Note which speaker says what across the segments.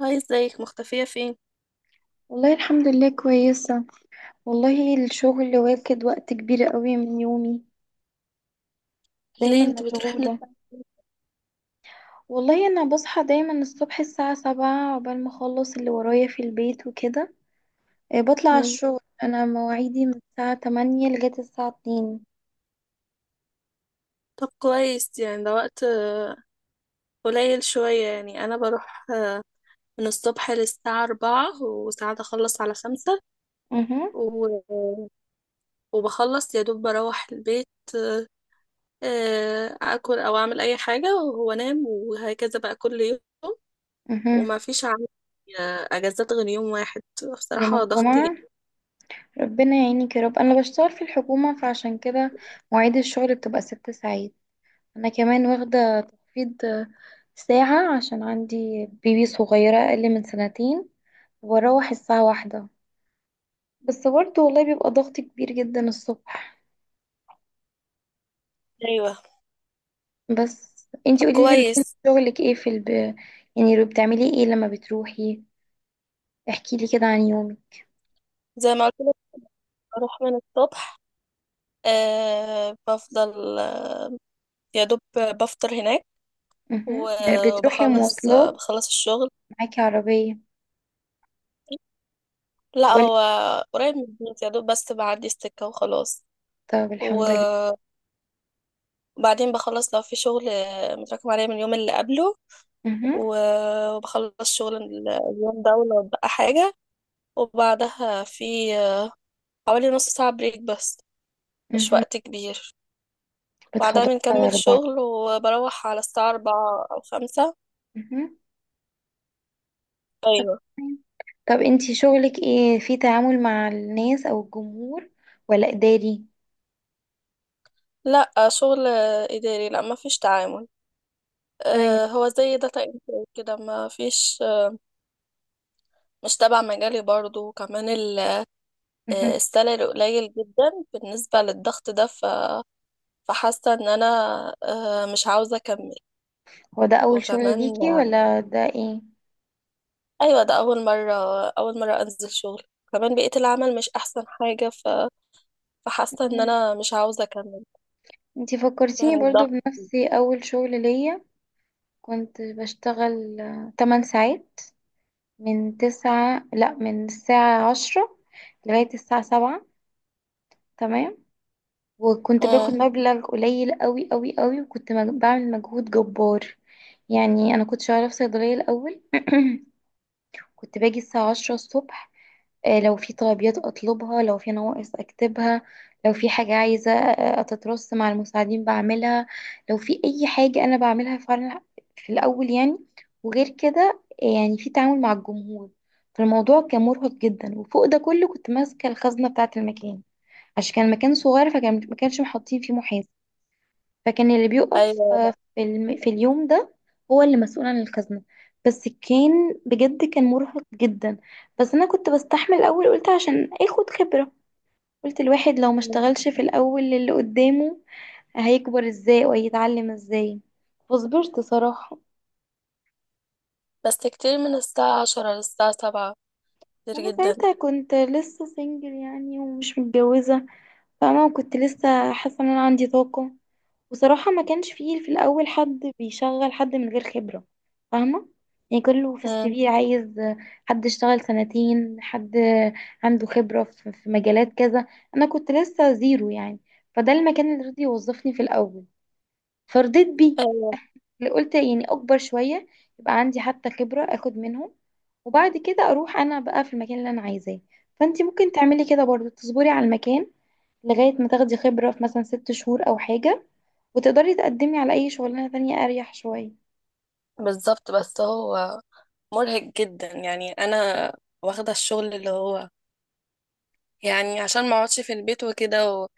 Speaker 1: هاي، ازيك؟ مختفية فين؟
Speaker 2: والله، الحمد لله كويسة. والله الشغل واخد وقت كبير قوي من يومي. دايما
Speaker 1: ليه انت بتروحي من
Speaker 2: مشغولة.
Speaker 1: الساعة كام؟
Speaker 2: والله أنا بصحى دايما الصبح الساعة 7 عقبال ما أخلص اللي ورايا في البيت وكده. بطلع على
Speaker 1: مم.
Speaker 2: الشغل، أنا مواعيدي من الساعة 8 لغاية الساعة 2.
Speaker 1: طب كويس، يعني ده وقت قليل شوية. يعني أنا بروح من الصبح للساعة 4، وساعات أخلص على 5.
Speaker 2: اها.
Speaker 1: و... وبخلص يا دوب بروح البيت. آه، أكل أو أعمل أي حاجة وهو نام، وهكذا بقى كل يوم.
Speaker 2: اها.
Speaker 1: وما فيش عندي أجازات غير يوم واحد.
Speaker 2: يوم
Speaker 1: بصراحة ضغط جامد.
Speaker 2: الجمعة. ربنا يعينك يا رب، أنا بشتغل في الحكومة فعشان كده مواعيد الشغل بتبقى 6 ساعات. أنا كمان واخدة تخفيض ساعة عشان عندي بيبي صغيرة أقل من سنتين واروح الساعة 1. بس برضه والله بيبقى ضغط كبير جدا الصبح.
Speaker 1: ايوه.
Speaker 2: بس انتي
Speaker 1: طب
Speaker 2: قوليلي روتين
Speaker 1: كويس.
Speaker 2: شغلك ايه في يعني بتعملي ايه لما بتروحي؟ احكيلي كده عن يومك.
Speaker 1: زي ما قلت لك بروح من الصبح. بفضل يا دوب بفطر هناك.
Speaker 2: مهم. بتروحي
Speaker 1: وبخلص،
Speaker 2: مواصلات
Speaker 1: بخلص الشغل.
Speaker 2: معاكي عربية
Speaker 1: لا،
Speaker 2: ولا؟
Speaker 1: هو قريب من البيت، يا دوب بس بعدي السكة وخلاص.
Speaker 2: طب الحمد لله.
Speaker 1: وبعدين بخلص لو في شغل متراكم عليا من اليوم اللي قبله،
Speaker 2: مهم.
Speaker 1: وبخلص شغل اليوم ده ولو بقى حاجة. وبعدها في حوالي نص ساعة بريك بس، مش
Speaker 2: مهم.
Speaker 1: وقت كبير. بعدها
Speaker 2: بتخلصي على
Speaker 1: بنكمل
Speaker 2: أربعة؟
Speaker 1: شغل وبروح على الساعة 4 أو 5.
Speaker 2: مهم. طب
Speaker 1: أيوة.
Speaker 2: تمام. طب انتي شغلك ايه؟ في تعامل مع الناس او الجمهور ولا إداري؟
Speaker 1: لا، شغل إداري، لا مفيش تعامل.
Speaker 2: طيب.
Speaker 1: هو زي داتا انتري كده، ما فيش. مش تبع مجالي برضو. وكمان
Speaker 2: مهم.
Speaker 1: السالري قليل جدا بالنسبة للضغط ده. فحاسة ان انا مش عاوزة اكمل.
Speaker 2: هو ده أول شغل
Speaker 1: وكمان
Speaker 2: ليكي ولا ده ايه؟
Speaker 1: ايوه، ده اول مرة، اول مرة انزل شغل. كمان بيئة العمل مش احسن حاجة. فحاسة ان انا مش عاوزة اكمل.
Speaker 2: انتي فكرتيني
Speaker 1: يعني
Speaker 2: برضو
Speaker 1: الضغط.
Speaker 2: بنفسي، اول شغل ليا كنت بشتغل 8 ساعات، من 9 لا من الساعة 10 لغاية الساعة 7. تمام. وكنت باخد
Speaker 1: امم.
Speaker 2: مبلغ قليل قوي قوي قوي، وكنت بعمل مجهود جبار. يعني انا كنت شغالة في صيدلية الاول. كنت باجي الساعة 10 الصبح، لو في طلبيات اطلبها، لو في نواقص اكتبها، لو في حاجة عايزة اتترص مع المساعدين بعملها، لو في اي حاجة انا بعملها فعلا في الاول يعني. وغير كده يعني في تعامل مع الجمهور. فالموضوع كان مرهق جدا، وفوق ده كله كنت ماسكة الخزنة بتاعة المكان عشان كان مكان صغير، فكان ما كانش محطين فيه محاسب. فكان اللي بيقف
Speaker 1: ايوه، لا.
Speaker 2: في في اليوم ده هو اللي مسؤول عن الخزنة. بس كان بجد كان مرهق جدا. بس انا كنت بستحمل الاول، قلت عشان اخد خبرة. قلت الواحد لو ما
Speaker 1: مم.
Speaker 2: اشتغلش في الاول اللي قدامه هيكبر ازاي وهيتعلم ازاي؟ فصبرت صراحة.
Speaker 1: بس كتير من الساعة 10 للساعة 7، كتير
Speaker 2: وانا
Speaker 1: جدا.
Speaker 2: ساعتها كنت لسه سنجل يعني، ومش متجوزة فاهمة، وكنت لسه حاسة ان انا عندي طاقة. وصراحة ما كانش فيه في الأول حد بيشغل حد من غير خبرة فاهمة. يعني كله في السي في عايز حد اشتغل سنتين، حد عنده خبرة في مجالات كذا. أنا كنت لسه زيرو يعني. فده المكان اللي رضي يوظفني في الأول، فرضيت بيه.
Speaker 1: امم.
Speaker 2: اللي قلت يعني أكبر شوية يبقى عندي حتى خبرة أخد منهم، وبعد كده أروح أنا بقى في المكان اللي أنا عايزاه. فأنتي ممكن تعملي كده برضو، تصبري على المكان لغاية ما تاخدي خبرة في مثلا 6 شهور أو حاجة، وتقدري تقدمي على أي شغلانة تانية أريح شوية.
Speaker 1: بالظبط. بس هو مرهق جدا. يعني انا واخده الشغل اللي هو يعني عشان ما اقعدش في البيت وكده،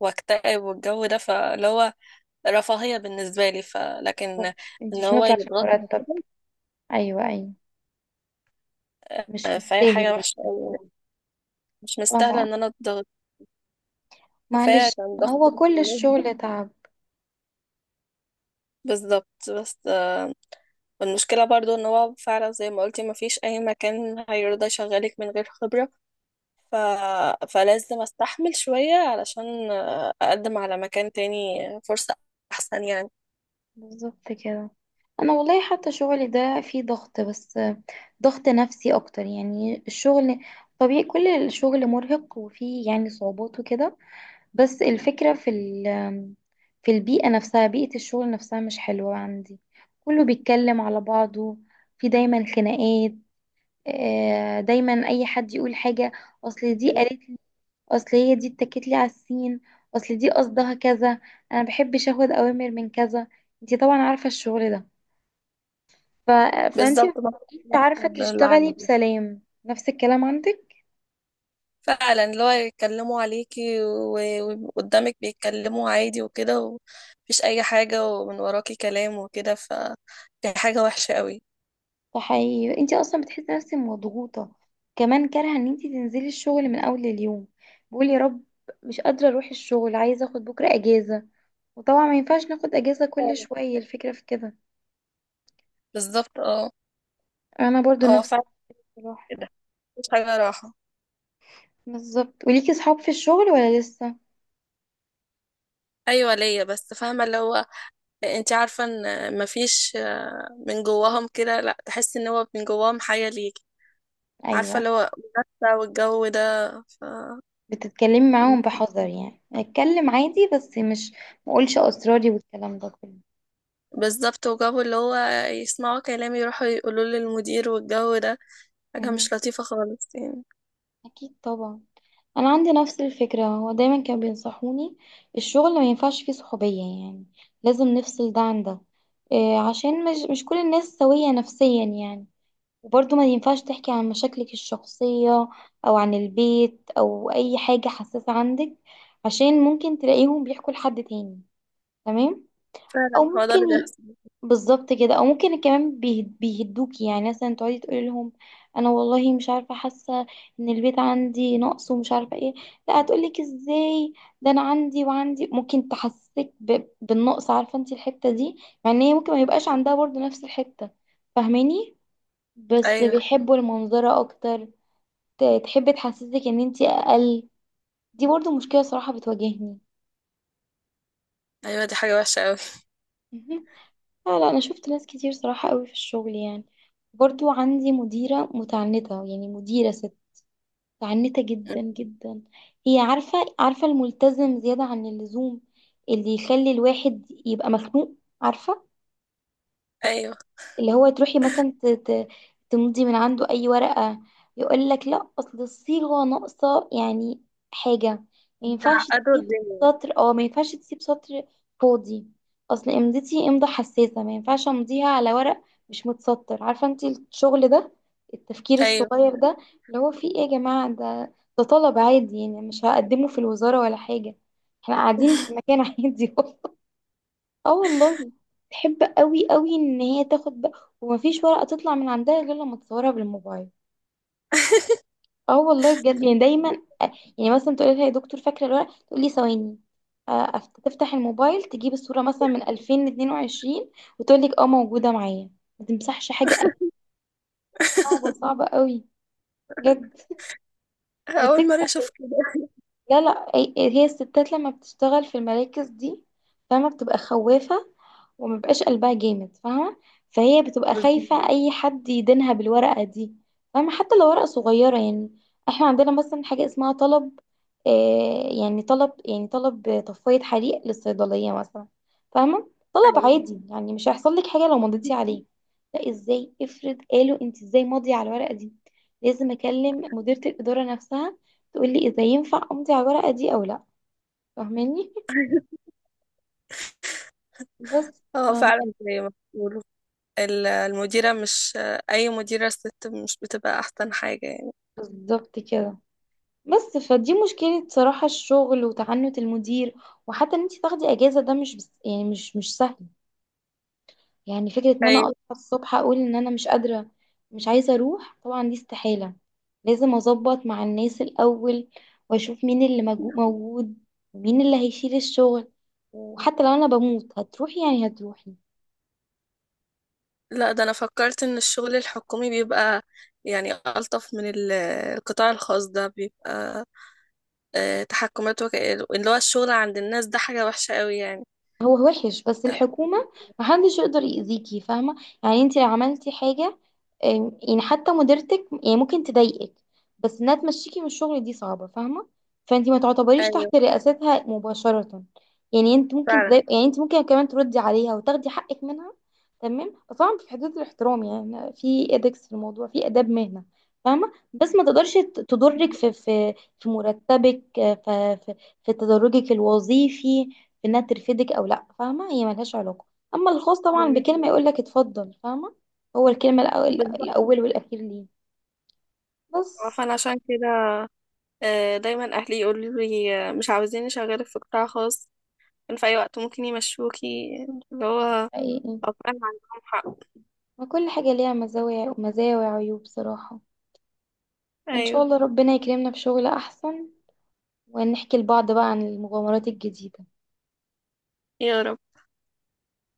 Speaker 1: واكتئب والجو ده، فاللي هو رفاهيه بالنسبه لي. فلكن
Speaker 2: بالظبط. انتي
Speaker 1: ان
Speaker 2: مش
Speaker 1: هو
Speaker 2: هنطلع عشان
Speaker 1: يضغطني
Speaker 2: مرتب.
Speaker 1: كده،
Speaker 2: أيوة أيوة. مش
Speaker 1: فهي
Speaker 2: مستاهل
Speaker 1: حاجه وحشه أوي.
Speaker 2: المجهود.
Speaker 1: يعني مش
Speaker 2: اه
Speaker 1: مستاهله ان انا اتضغط. كفايه
Speaker 2: معلش.
Speaker 1: كان ضغط
Speaker 2: هو كل
Speaker 1: الكلية.
Speaker 2: الشغل تعب.
Speaker 1: بالظبط. بس المشكله برضو ان هو فعلا زي ما قلتي، ما فيش اي مكان هيرضى يشغلك من غير خبره. ف... فلازم استحمل شوية علشان اقدم على مكان تاني، فرصة احسن يعني.
Speaker 2: بالظبط كده. أنا والله حتى شغلي ده فيه ضغط، بس ضغط نفسي أكتر. يعني الشغل طبيعي، كل الشغل مرهق وفيه يعني صعوبات وكده. بس الفكرة في في البيئة نفسها، بيئة الشغل نفسها مش حلوة عندي. كله بيتكلم على بعضه، في دايما خناقات. دايما أي حد يقول حاجة، أصل دي قالت لي، أصل هي دي اتكت لي على السين، أصل دي قصدها كذا. أنا مبحبش أخد أوامر من كذا. انتي طبعا عارفة الشغل ده. ف... فانتي
Speaker 1: بالظبط، نفس
Speaker 2: مبتبقيش عارفة
Speaker 1: اللي
Speaker 2: تشتغلي
Speaker 1: عندي.
Speaker 2: بسلام. نفس الكلام عندك.
Speaker 1: فعلا، اللي هو يتكلموا عليكي وقدامك بيتكلموا عادي وكده، ومفيش اي حاجة، ومن وراكي كلام وكده. دي حاجة وحشة قوي.
Speaker 2: فحقيقي انت اصلا بتحسي نفسك مضغوطه، كمان كارهه ان انت تنزلي الشغل من اول اليوم. بقولي يا رب مش قادره اروح الشغل، عايزه اخد بكره اجازه. وطبعا ما ينفعش ناخد اجازه كل
Speaker 1: فعلا.
Speaker 2: شويه، الفكره في كده.
Speaker 1: بالظبط، اه.
Speaker 2: انا برضو
Speaker 1: هو
Speaker 2: نفس
Speaker 1: فعلا
Speaker 2: الصراحه.
Speaker 1: كده، مفيش حاجة راحة.
Speaker 2: بالظبط. وليكي صحاب في الشغل ولا لسه؟
Speaker 1: ايوه، ليا. بس فاهمه اللي هو، انت عارفه ان مفيش من جواهم كده، لا تحس ان هو من جواهم حاجه ليك. عارفة
Speaker 2: ايوه.
Speaker 1: اللي هو منافسة والجو ده. ف...
Speaker 2: بتتكلمي معاهم بحذر يعني، اتكلم عادي بس مش ما اقولش اسراري والكلام ده كله.
Speaker 1: بالظبط. وجابوا اللي هو يسمعوا كلامي، يروحوا يقولوا للمدير والجو ده. حاجة
Speaker 2: مهم.
Speaker 1: مش لطيفة خالص يعني.
Speaker 2: اكيد طبعا. انا عندي نفس الفكره، هو دايما كانوا بينصحوني الشغل ما ينفعش فيه صحوبيه يعني، لازم نفصل ده عن ده. إيه عشان مش كل الناس سويه نفسيا يعني. وبرضه ما ينفعش تحكي عن مشاكلك الشخصيه او عن البيت او اي حاجه حساسه عندك، عشان ممكن تلاقيهم بيحكوا لحد تاني. تمام.
Speaker 1: فعلا
Speaker 2: او
Speaker 1: هو ده اللي
Speaker 2: ممكن
Speaker 1: بيحصل.
Speaker 2: بالظبط كده. او ممكن كمان بيهدوكي، يعني مثلا تقعدي تقولي لهم انا والله مش عارفه حاسه ان البيت عندي نقص ومش عارفه ايه. لا هتقولك ازاي، ده انا عندي وعندي. ممكن تحسسك بالنقص، عارفه انت الحته دي، مع ان هي ممكن ما يبقاش عندها برضو نفس الحته. فاهماني؟ بس
Speaker 1: أيوه،
Speaker 2: بيحبوا المنظره اكتر. تحب تحسسك ان انت اقل. دي برضو مشكله صراحه بتواجهني.
Speaker 1: أيوه. دي حاجة وحشة أوي.
Speaker 2: لا لا، انا شفت ناس كتير صراحة قوي في الشغل يعني. برضو عندي مديرة متعنتة، يعني مديرة ست متعنتة جدا جدا. هي عارفة الملتزم زيادة عن اللزوم، اللي يخلي الواحد يبقى مخنوق عارفة.
Speaker 1: أيوه
Speaker 2: اللي هو تروحي مثلا تمضي من عنده اي ورقة، يقول لك لا اصل الصيغة ناقصة، يعني حاجة ما ينفعش
Speaker 1: عقدوا
Speaker 2: تسيب
Speaker 1: الدنيا.
Speaker 2: سطر او ما ينفعش تسيب سطر فاضي. اصل امضتي امضة حساسة، ما ينفعش امضيها على ورق مش متسطر. عارفة انت الشغل ده، التفكير
Speaker 1: أيوه.
Speaker 2: الصغير ده اللي هو فيه ايه يا جماعة؟ ده طلب عادي يعني، مش هقدمه في الوزارة ولا حاجة، احنا قاعدين في مكان عادي. اه والله. تحب قوي قوي ان هي تاخد بقى، ومفيش ورقه تطلع من عندها غير لما تصورها بالموبايل. اه والله بجد. يعني دايما آه، يعني مثلا تقول لها يا دكتور فاكره الورقه، تقول لي ثواني، تفتح الموبايل تجيب الصوره مثلا من 2022، وتقول لك اه موجوده معايا. ما تمسحش حاجه أبدا. صعبه صعبه قوي بجد. وتكره
Speaker 1: أول مرة
Speaker 2: ال-
Speaker 1: أشوف كده.
Speaker 2: لا لا، هي الستات لما بتشتغل في المراكز دي فاهمه بتبقى خوافه، وما بقاش قلبها جامد فاهمة. فهي بتبقى
Speaker 1: بالظبط.
Speaker 2: خايفة أي حد يدينها بالورقة دي. فاهمة، حتى لو ورقة صغيرة يعني. احنا عندنا مثلا حاجة اسمها طلب، آه يعني طلب، يعني طلب طفاية حريق للصيدلية مثلا. فاهمة؟ طلب
Speaker 1: أيوه
Speaker 2: عادي يعني، مش هيحصل لك حاجة لو مضيتي عليه. لا ازاي، افرض قالوا انت ازاي ماضية على الورقة دي؟ لازم اكلم مديرة الإدارة نفسها تقول لي اذا ينفع امضي على الورقة دي او لا. فاهماني؟ بس
Speaker 1: هو
Speaker 2: فاهمة.
Speaker 1: فعلا زي ما بيقولوا، المديرة، مش أي مديرة ست مش بتبقى أحسن حاجة يعني.
Speaker 2: بالظبط كده. بس فدي مشكلة صراحة، الشغل وتعنت المدير. وحتى ان انت تاخدي اجازة ده مش بس يعني، مش سهل. يعني فكرة ان انا اصحى
Speaker 1: أيوه.
Speaker 2: الصبح اقول ان انا مش قادرة مش عايزة اروح، طبعا دي استحالة. لازم اظبط مع الناس الاول، واشوف مين اللي موجود ومين اللي هيشيل الشغل، وحتى لو انا بموت هتروحي يعني هتروحي.
Speaker 1: لا، ده انا فكرت ان الشغل الحكومي بيبقى يعني الطف من القطاع الخاص. ده تحكمات اللي هو الشغل عند الناس ده حاجة وحشة قوي يعني.
Speaker 2: هو وحش، بس الحكومة محدش يقدر يأذيكي فاهمة. يعني انت لو عملتي حاجة، يعني حتى مديرتك يعني ممكن تضايقك، بس انها تمشيكي من الشغل دي صعبة فاهمة. فانت ما تعتبريش
Speaker 1: ايوه
Speaker 2: تحت رئاستها مباشرة. يعني انت ممكن
Speaker 1: فعلا.
Speaker 2: تضايق، يعني انت ممكن كمان تردي عليها وتاخدي حقك منها. تمام. بس طبعا في حدود الاحترام، يعني في ادكس في الموضوع، في آداب مهنة فاهمة. بس ما تقدرش تضرك في مرتبك، في تدرجك الوظيفي، في انها ترفدك او لا. فاهمه هي ملهاش علاقه. اما الخاص طبعا
Speaker 1: مم.
Speaker 2: بكلمه يقول لك اتفضل، فاهمه. هو الكلمه الأول,
Speaker 1: بالظبط.
Speaker 2: الاول والاخير ليه. بس
Speaker 1: فانا عشان كده دايما اهلي يقولوا لي مش عاوزين اشغلك في قطاع خاص، إن في اي وقت ممكن يمشوكي، اللي هو
Speaker 2: حقيقي،
Speaker 1: أبقى أنا عندهم حق.
Speaker 2: ما كل حاجه ليها مزايا وعيوب بصراحه. ان شاء
Speaker 1: ايوه
Speaker 2: الله ربنا يكرمنا بشغل احسن، ونحكي لبعض بقى عن المغامرات الجديده.
Speaker 1: يا رب.